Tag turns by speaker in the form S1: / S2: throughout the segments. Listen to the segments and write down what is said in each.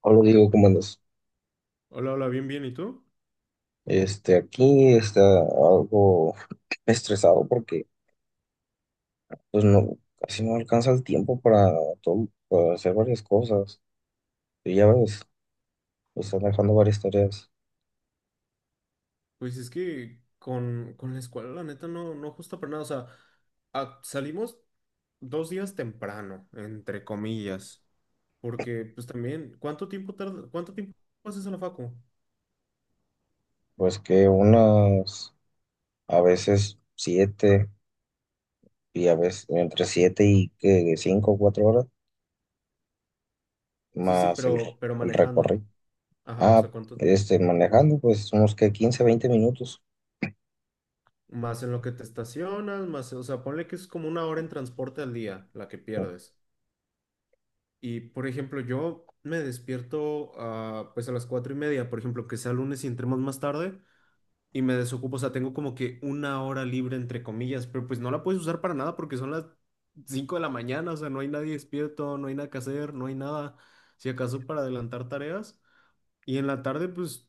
S1: Hola, digo, ¿cómo andas?
S2: Hola, hola, bien, bien. ¿Y tú?
S1: Aquí está algo estresado porque pues no, casi no alcanza el tiempo para, para hacer varias cosas. Y ya ves, me están dejando varias tareas.
S2: Pues es que con la escuela, la neta, no, no justo para nada. O sea, salimos dos días temprano, entre comillas. Porque, pues también, ¿ cuánto tiempo haces a la facu?
S1: Pues que unas, a veces 7, y a veces entre 7 y que 5 o 4 horas,
S2: Sí, sí,
S1: más el,
S2: pero,
S1: re-
S2: pero
S1: el
S2: manejando.
S1: recorrido.
S2: Ajá, o sea,
S1: Ah,
S2: ¿cuánto?
S1: Manejando pues unos que 15 20 minutos.
S2: Más en lo que te estacionas, más, o sea, ponle que es como una hora en transporte al día la que pierdes. Y, por ejemplo, yo me despierto pues a las 4:30, por ejemplo, que sea lunes y entremos más tarde. Y me desocupo, o sea, tengo como que una hora libre entre comillas, pero pues no la puedes usar para nada porque son las 5 de la mañana, o sea, no hay nadie despierto, no hay nada que hacer, no hay nada, si acaso para adelantar tareas. Y en la tarde, pues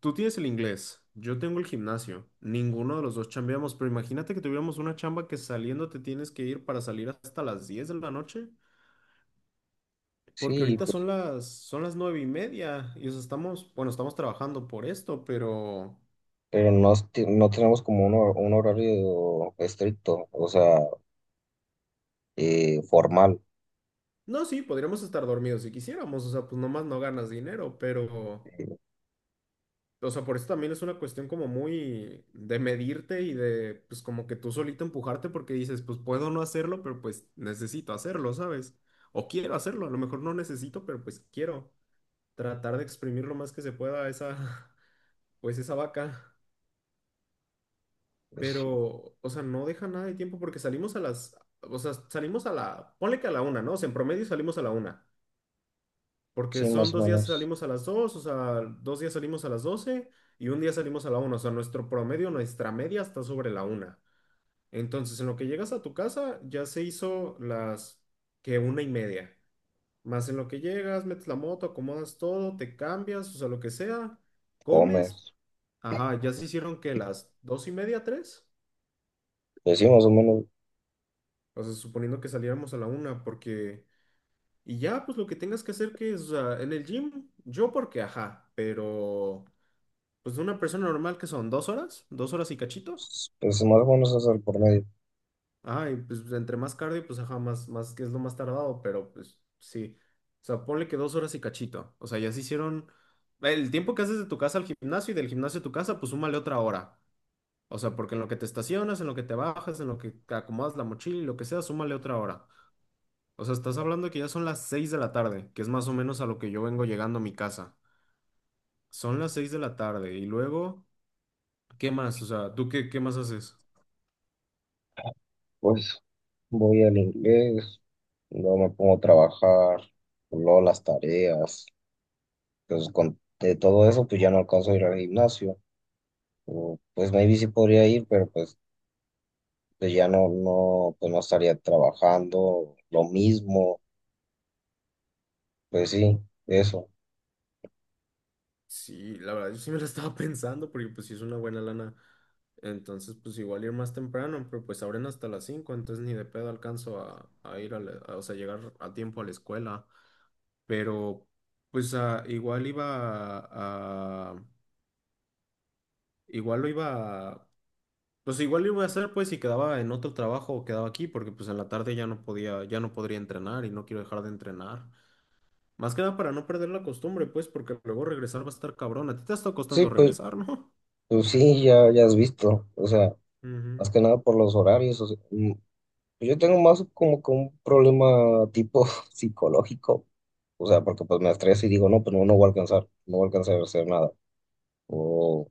S2: tú tienes el inglés, yo tengo el gimnasio, ninguno de los dos chambeamos, pero imagínate que tuviéramos una chamba que saliendo te tienes que ir para salir hasta las 10 de la noche. Porque
S1: Sí,
S2: ahorita
S1: pues.
S2: son las 9:30 y, o sea, estamos, bueno, estamos trabajando por esto, pero...
S1: Pero no, no tenemos como un horario estricto, o sea, formal.
S2: No, sí, podríamos estar dormidos si quisiéramos, o sea, pues nomás no ganas dinero, pero, o sea, por eso también es una cuestión como muy de medirte y de, pues como que tú solito empujarte porque dices, pues puedo no hacerlo, pero pues necesito hacerlo, ¿sabes? O quiero hacerlo, a lo mejor no necesito, pero pues quiero tratar de exprimir lo más que se pueda esa, pues esa vaca,
S1: Pues.
S2: pero, o sea, no deja nada de tiempo porque salimos a o sea, salimos a la, ponle que a la una, ¿no? O sea, en promedio salimos a la una. Porque
S1: Sí,
S2: son
S1: más o
S2: 2 días
S1: menos.
S2: salimos a las dos, o sea, dos días salimos a las 12 y un día salimos a la una, o sea, nuestro promedio, nuestra media está sobre la una. Entonces, en lo que llegas a tu casa, ya se hizo las que 1:30. Más en lo que llegas, metes la moto, acomodas todo, te cambias, o sea, lo que sea, comes.
S1: Comes.
S2: Ajá, ya se hicieron que las 2:30, tres.
S1: Pues sí, más o menos.
S2: O sea, suponiendo que saliéramos a la una, porque... Y ya, pues lo que tengas que hacer que es, o sea, en el gym, yo porque, ajá, pero... Pues de una persona normal que son 2 horas, 2 horas y cachito.
S1: Pues más o menos es el por medio.
S2: Ajá, y pues entre más cardio, pues ajá, más, más que es lo más tardado, pero pues sí. O sea, ponle que dos horas y cachito. O sea, ya se hicieron. El tiempo que haces de tu casa al gimnasio y del gimnasio a tu casa, pues súmale otra hora. O sea, porque en lo que te estacionas, en lo que te bajas, en lo que te acomodas la mochila y lo que sea, súmale otra hora. O sea, estás hablando que ya son las 6 de la tarde, que es más o menos a lo que yo vengo llegando a mi casa. Son las seis de la tarde y luego, ¿qué más? O sea, ¿tú qué más haces?
S1: Pues voy al inglés, luego me pongo a trabajar, luego las tareas. Pues con de todo eso, pues ya no alcanzo a ir al gimnasio. O pues maybe sí podría ir, pero pues, pues ya no, no, pues no estaría trabajando lo mismo. Pues sí, eso.
S2: Sí, la verdad, yo sí me la estaba pensando porque pues sí es una buena lana. Entonces, pues igual ir más temprano, pero pues abren hasta las cinco, entonces ni de pedo alcanzo a ir a, o sea, llegar a tiempo a la escuela. Pero pues igual iba a- igual lo iba pues igual lo iba a hacer pues si quedaba en otro trabajo o quedaba aquí, porque pues en la tarde ya no podría entrenar y no quiero dejar de entrenar. Más que nada para no perder la costumbre, pues, porque luego regresar va a estar cabrón. A ti te está
S1: Sí,
S2: costando
S1: pues.
S2: regresar, ¿no?
S1: Pues sí, ya, ya has visto, o sea, más
S2: Ujú.
S1: que nada por los horarios. O sea, yo tengo más como que un problema tipo psicológico, o sea, porque pues me estreso y digo, no, pues no, no voy a alcanzar, no voy a alcanzar a hacer nada, o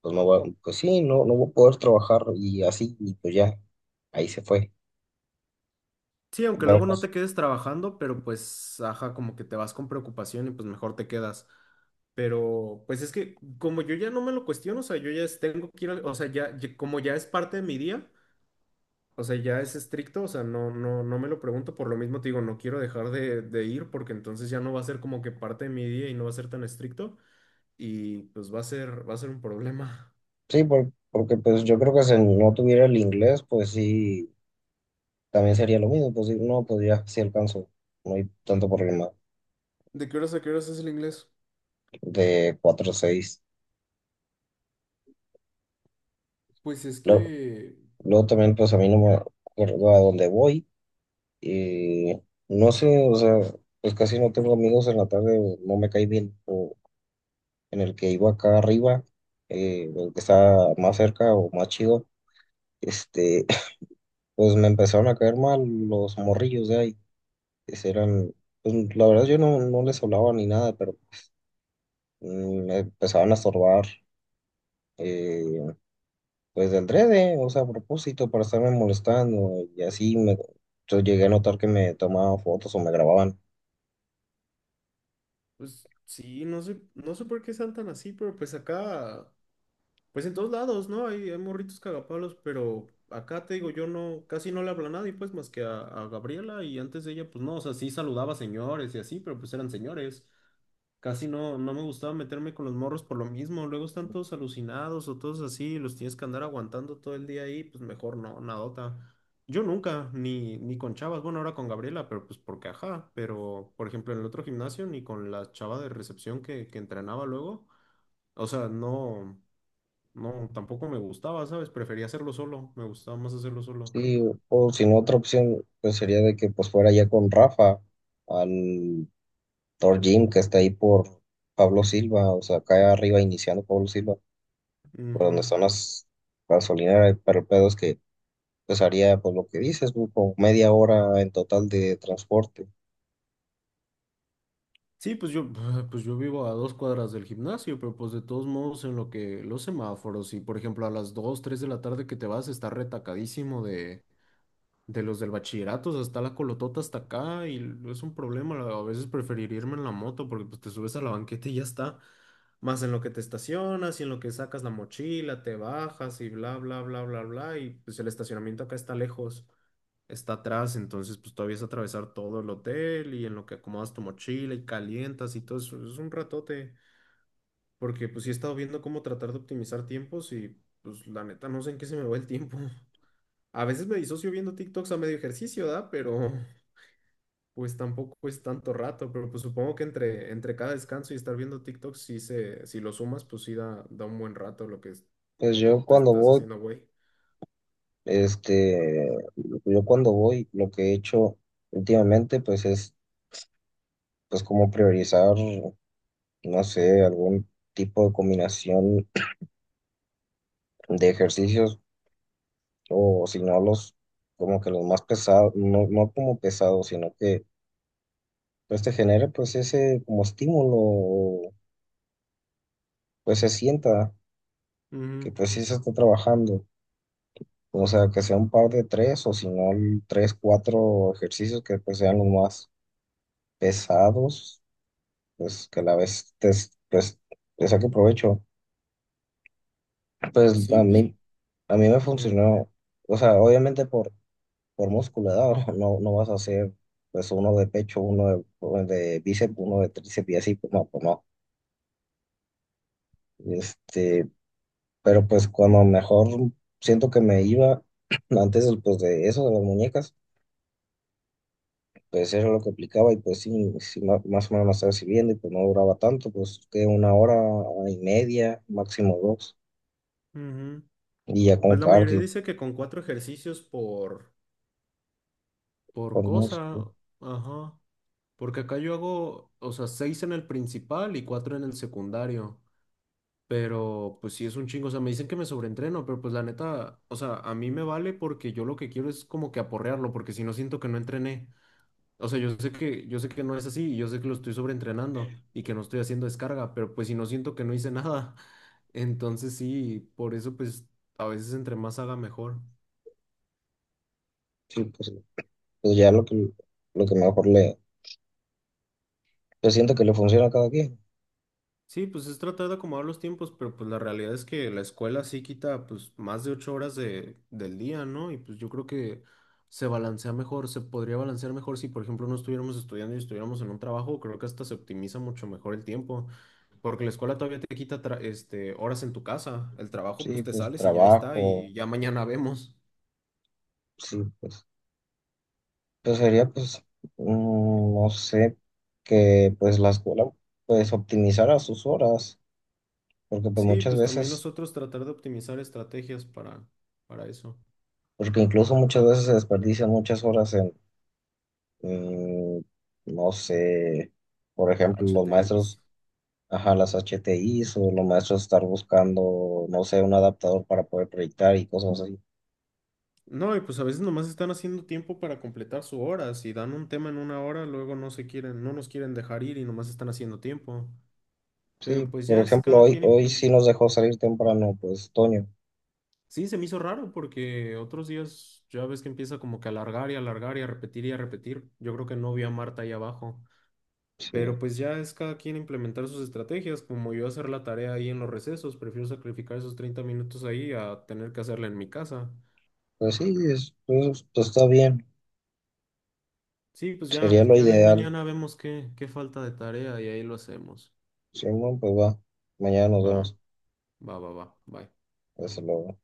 S1: pues no voy, pues sí, no, no voy a poder trabajar y así, y pues ya, ahí se fue.
S2: Sí, aunque
S1: Pero
S2: luego no
S1: pues
S2: te quedes trabajando, pero pues, ajá, como que te vas con preocupación y pues mejor te quedas. Pero pues es que como yo ya no me lo cuestiono, o sea, yo ya tengo que ir, o sea, como ya es parte de mi día, o sea, ya es estricto, o sea, no, no, no me lo pregunto, por lo mismo te digo, no quiero dejar de ir porque entonces ya no va a ser como que parte de mi día y no va a ser tan estricto y pues va a ser un problema.
S1: sí, porque pues yo creo que si no tuviera el inglés, pues sí, también sería lo mismo, pues sí, no, pues ya, sí alcanzo, no hay tanto problema.
S2: ¿De qué horas a qué horas es el inglés?
S1: De cuatro o 6.
S2: Pues es que,
S1: Luego también, pues a mí no me acuerdo a dónde voy. eh, no sé, o sea, pues casi no tengo amigos en la tarde, o no me cae bien. O en el que iba acá arriba, el que está más cerca o más chido, este, pues me empezaron a caer mal los morrillos de ahí, que eran, pues la verdad yo no, no les hablaba ni nada, pero pues, me empezaban a estorbar. eh, pues de adrede, o sea, a propósito, para estarme molestando y así yo llegué a notar que me tomaban fotos o me grababan.
S2: pues sí, no sé, no sé por qué sean tan así, pero pues acá. Pues en todos lados, ¿no? Hay morritos cagapalos, pero acá te digo, yo no, casi no le hablo a nadie, pues más que a Gabriela y antes de ella, pues no, o sea, sí saludaba a señores y así, pero pues eran señores. Casi no, no me gustaba meterme con los morros por lo mismo. Luego están todos alucinados o todos así, los tienes que andar aguantando todo el día ahí, pues mejor no, nadota. Yo nunca, ni con chavas, bueno, ahora con Gabriela, pero pues porque ajá, pero por ejemplo en el otro gimnasio, ni con la chava de recepción que entrenaba luego, o sea, no. No, tampoco me gustaba, ¿sabes? Prefería hacerlo solo, me gustaba más hacerlo solo.
S1: Sí, o si no, otra opción pues sería de que pues fuera ya con Rafa al Thor Gym que está ahí por Pablo Silva, o sea, acá arriba iniciando Pablo Silva, por donde
S2: Ujú.
S1: están las gasolineras. Pero el pedo es que pues haría pues lo que dices, güey, como media hora en total de transporte.
S2: Sí, pues yo, pues yo vivo a 2 cuadras del gimnasio, pero pues de todos modos en lo que los semáforos y por ejemplo a las dos, 3 de la tarde que te vas está retacadísimo de los del bachillerato, o sea, está la colotota hasta acá y es un problema, a veces preferir irme en la moto porque pues te subes a la banqueta y ya está, más en lo que te estacionas y en lo que sacas la mochila, te bajas y bla, bla, bla, bla, bla, y pues el estacionamiento acá está lejos. Está atrás, entonces pues todavía es atravesar todo el hotel y en lo que acomodas tu mochila y calientas y todo eso, es un ratote, porque pues sí he estado viendo cómo tratar de optimizar tiempos y pues la neta no sé en qué se me va el tiempo. A veces me disocio viendo TikToks a medio ejercicio, ¿da? Pero pues tampoco es tanto rato, pero pues supongo que entre cada descanso y estar viendo TikToks, si lo sumas, pues sí da, da un buen rato lo que
S1: Pues yo
S2: te
S1: cuando
S2: estás
S1: voy
S2: haciendo, güey.
S1: Este, yo cuando voy, lo que he hecho últimamente, pues es, pues como priorizar, no sé, algún tipo de combinación de ejercicios, o si no los, como que los más pesados, no, no como pesados, sino que pues te genere pues ese como estímulo, pues se sienta que
S2: Ujú.
S1: pues sí se está trabajando. O sea, que sea un par de tres o si no tres, cuatro ejercicios que pues sean los más pesados, pues que a la vez te, le saque provecho. Pues
S2: Sí,
S1: a
S2: pues
S1: mí, a mí me
S2: dime.
S1: funcionó, o sea, obviamente por musculatura, no, no vas a hacer pues uno de pecho, uno de bíceps, uno de tríceps y así, pues no, pues no. Este, pero pues cuando mejor siento que me iba de eso, de las muñecas, pues era lo que aplicaba y pues sí, sí, más o menos me estaba sirviendo y pues no duraba tanto, pues que una hora, hora y media, máximo dos.
S2: Ujú.
S1: Y ya con
S2: Pues la mayoría
S1: cardio
S2: dice que con cuatro ejercicios por
S1: por
S2: cosa.
S1: músculo.
S2: Ajá. Porque acá yo hago, o sea, seis en el principal y cuatro en el secundario. Pero pues sí es un chingo. O sea, me dicen que me sobreentreno, pero pues la neta, o sea, a mí me vale porque yo lo que quiero es como que aporrearlo, porque si no siento que no entrené. O sea, yo sé que no es así, y yo sé que lo estoy sobreentrenando y que no estoy haciendo descarga, pero pues si no siento que no hice nada. Entonces sí, por eso pues a veces entre más haga mejor.
S1: Sí, pues ya lo que mejor le, pues siento que le funciona a cada quien.
S2: Sí, pues es tratar de acomodar los tiempos, pero pues la realidad es que la escuela sí quita pues más de 8 horas del día, ¿no? Y pues yo creo que se balancea mejor, se podría balancear mejor si por ejemplo no estuviéramos estudiando y estuviéramos en un trabajo, creo que hasta se optimiza mucho mejor el tiempo, porque la escuela todavía te quita este, horas en tu casa, el trabajo
S1: Sí,
S2: pues te
S1: pues
S2: sales y ya está
S1: trabajo,
S2: y ya mañana vemos.
S1: sí, pues, sería pues, no sé, que pues la escuela pues optimizara sus horas, porque pues
S2: Sí,
S1: muchas
S2: pues también
S1: veces,
S2: nosotros tratar de optimizar estrategias para eso.
S1: porque incluso muchas veces se desperdician muchas horas en, mm, no sé, por ejemplo, los
S2: HTIs.
S1: maestros, ajá, las H T HTIs o los maestros estar buscando, no sé, un adaptador para poder proyectar y cosas así.
S2: No, y pues a veces nomás están haciendo tiempo para completar su hora. Si dan un tema en una hora, luego no nos quieren dejar ir y nomás están haciendo tiempo. Pero
S1: Sí,
S2: pues
S1: por
S2: ya es
S1: ejemplo,
S2: cada
S1: hoy,
S2: quien
S1: hoy sí
S2: implementa.
S1: nos dejó salir temprano, pues Toño.
S2: Sí, se me hizo raro porque otros días ya ves que empieza como que a alargar y alargar y a repetir y a repetir. Yo creo que no vi a Marta ahí abajo. Pero
S1: Sí,
S2: pues ya es cada quien implementar sus estrategias, como yo hacer la tarea ahí en los recesos, prefiero sacrificar esos 30 minutos ahí a tener que hacerla en mi casa.
S1: pues sí, pues, está bien,
S2: Sí, pues
S1: sería
S2: ya,
S1: lo
S2: ya ahí
S1: ideal.
S2: mañana vemos qué, falta de tarea y ahí lo hacemos.
S1: Simón, pues va, mañana nos
S2: Va,
S1: vemos.
S2: va, va, va, bye.
S1: Hasta luego.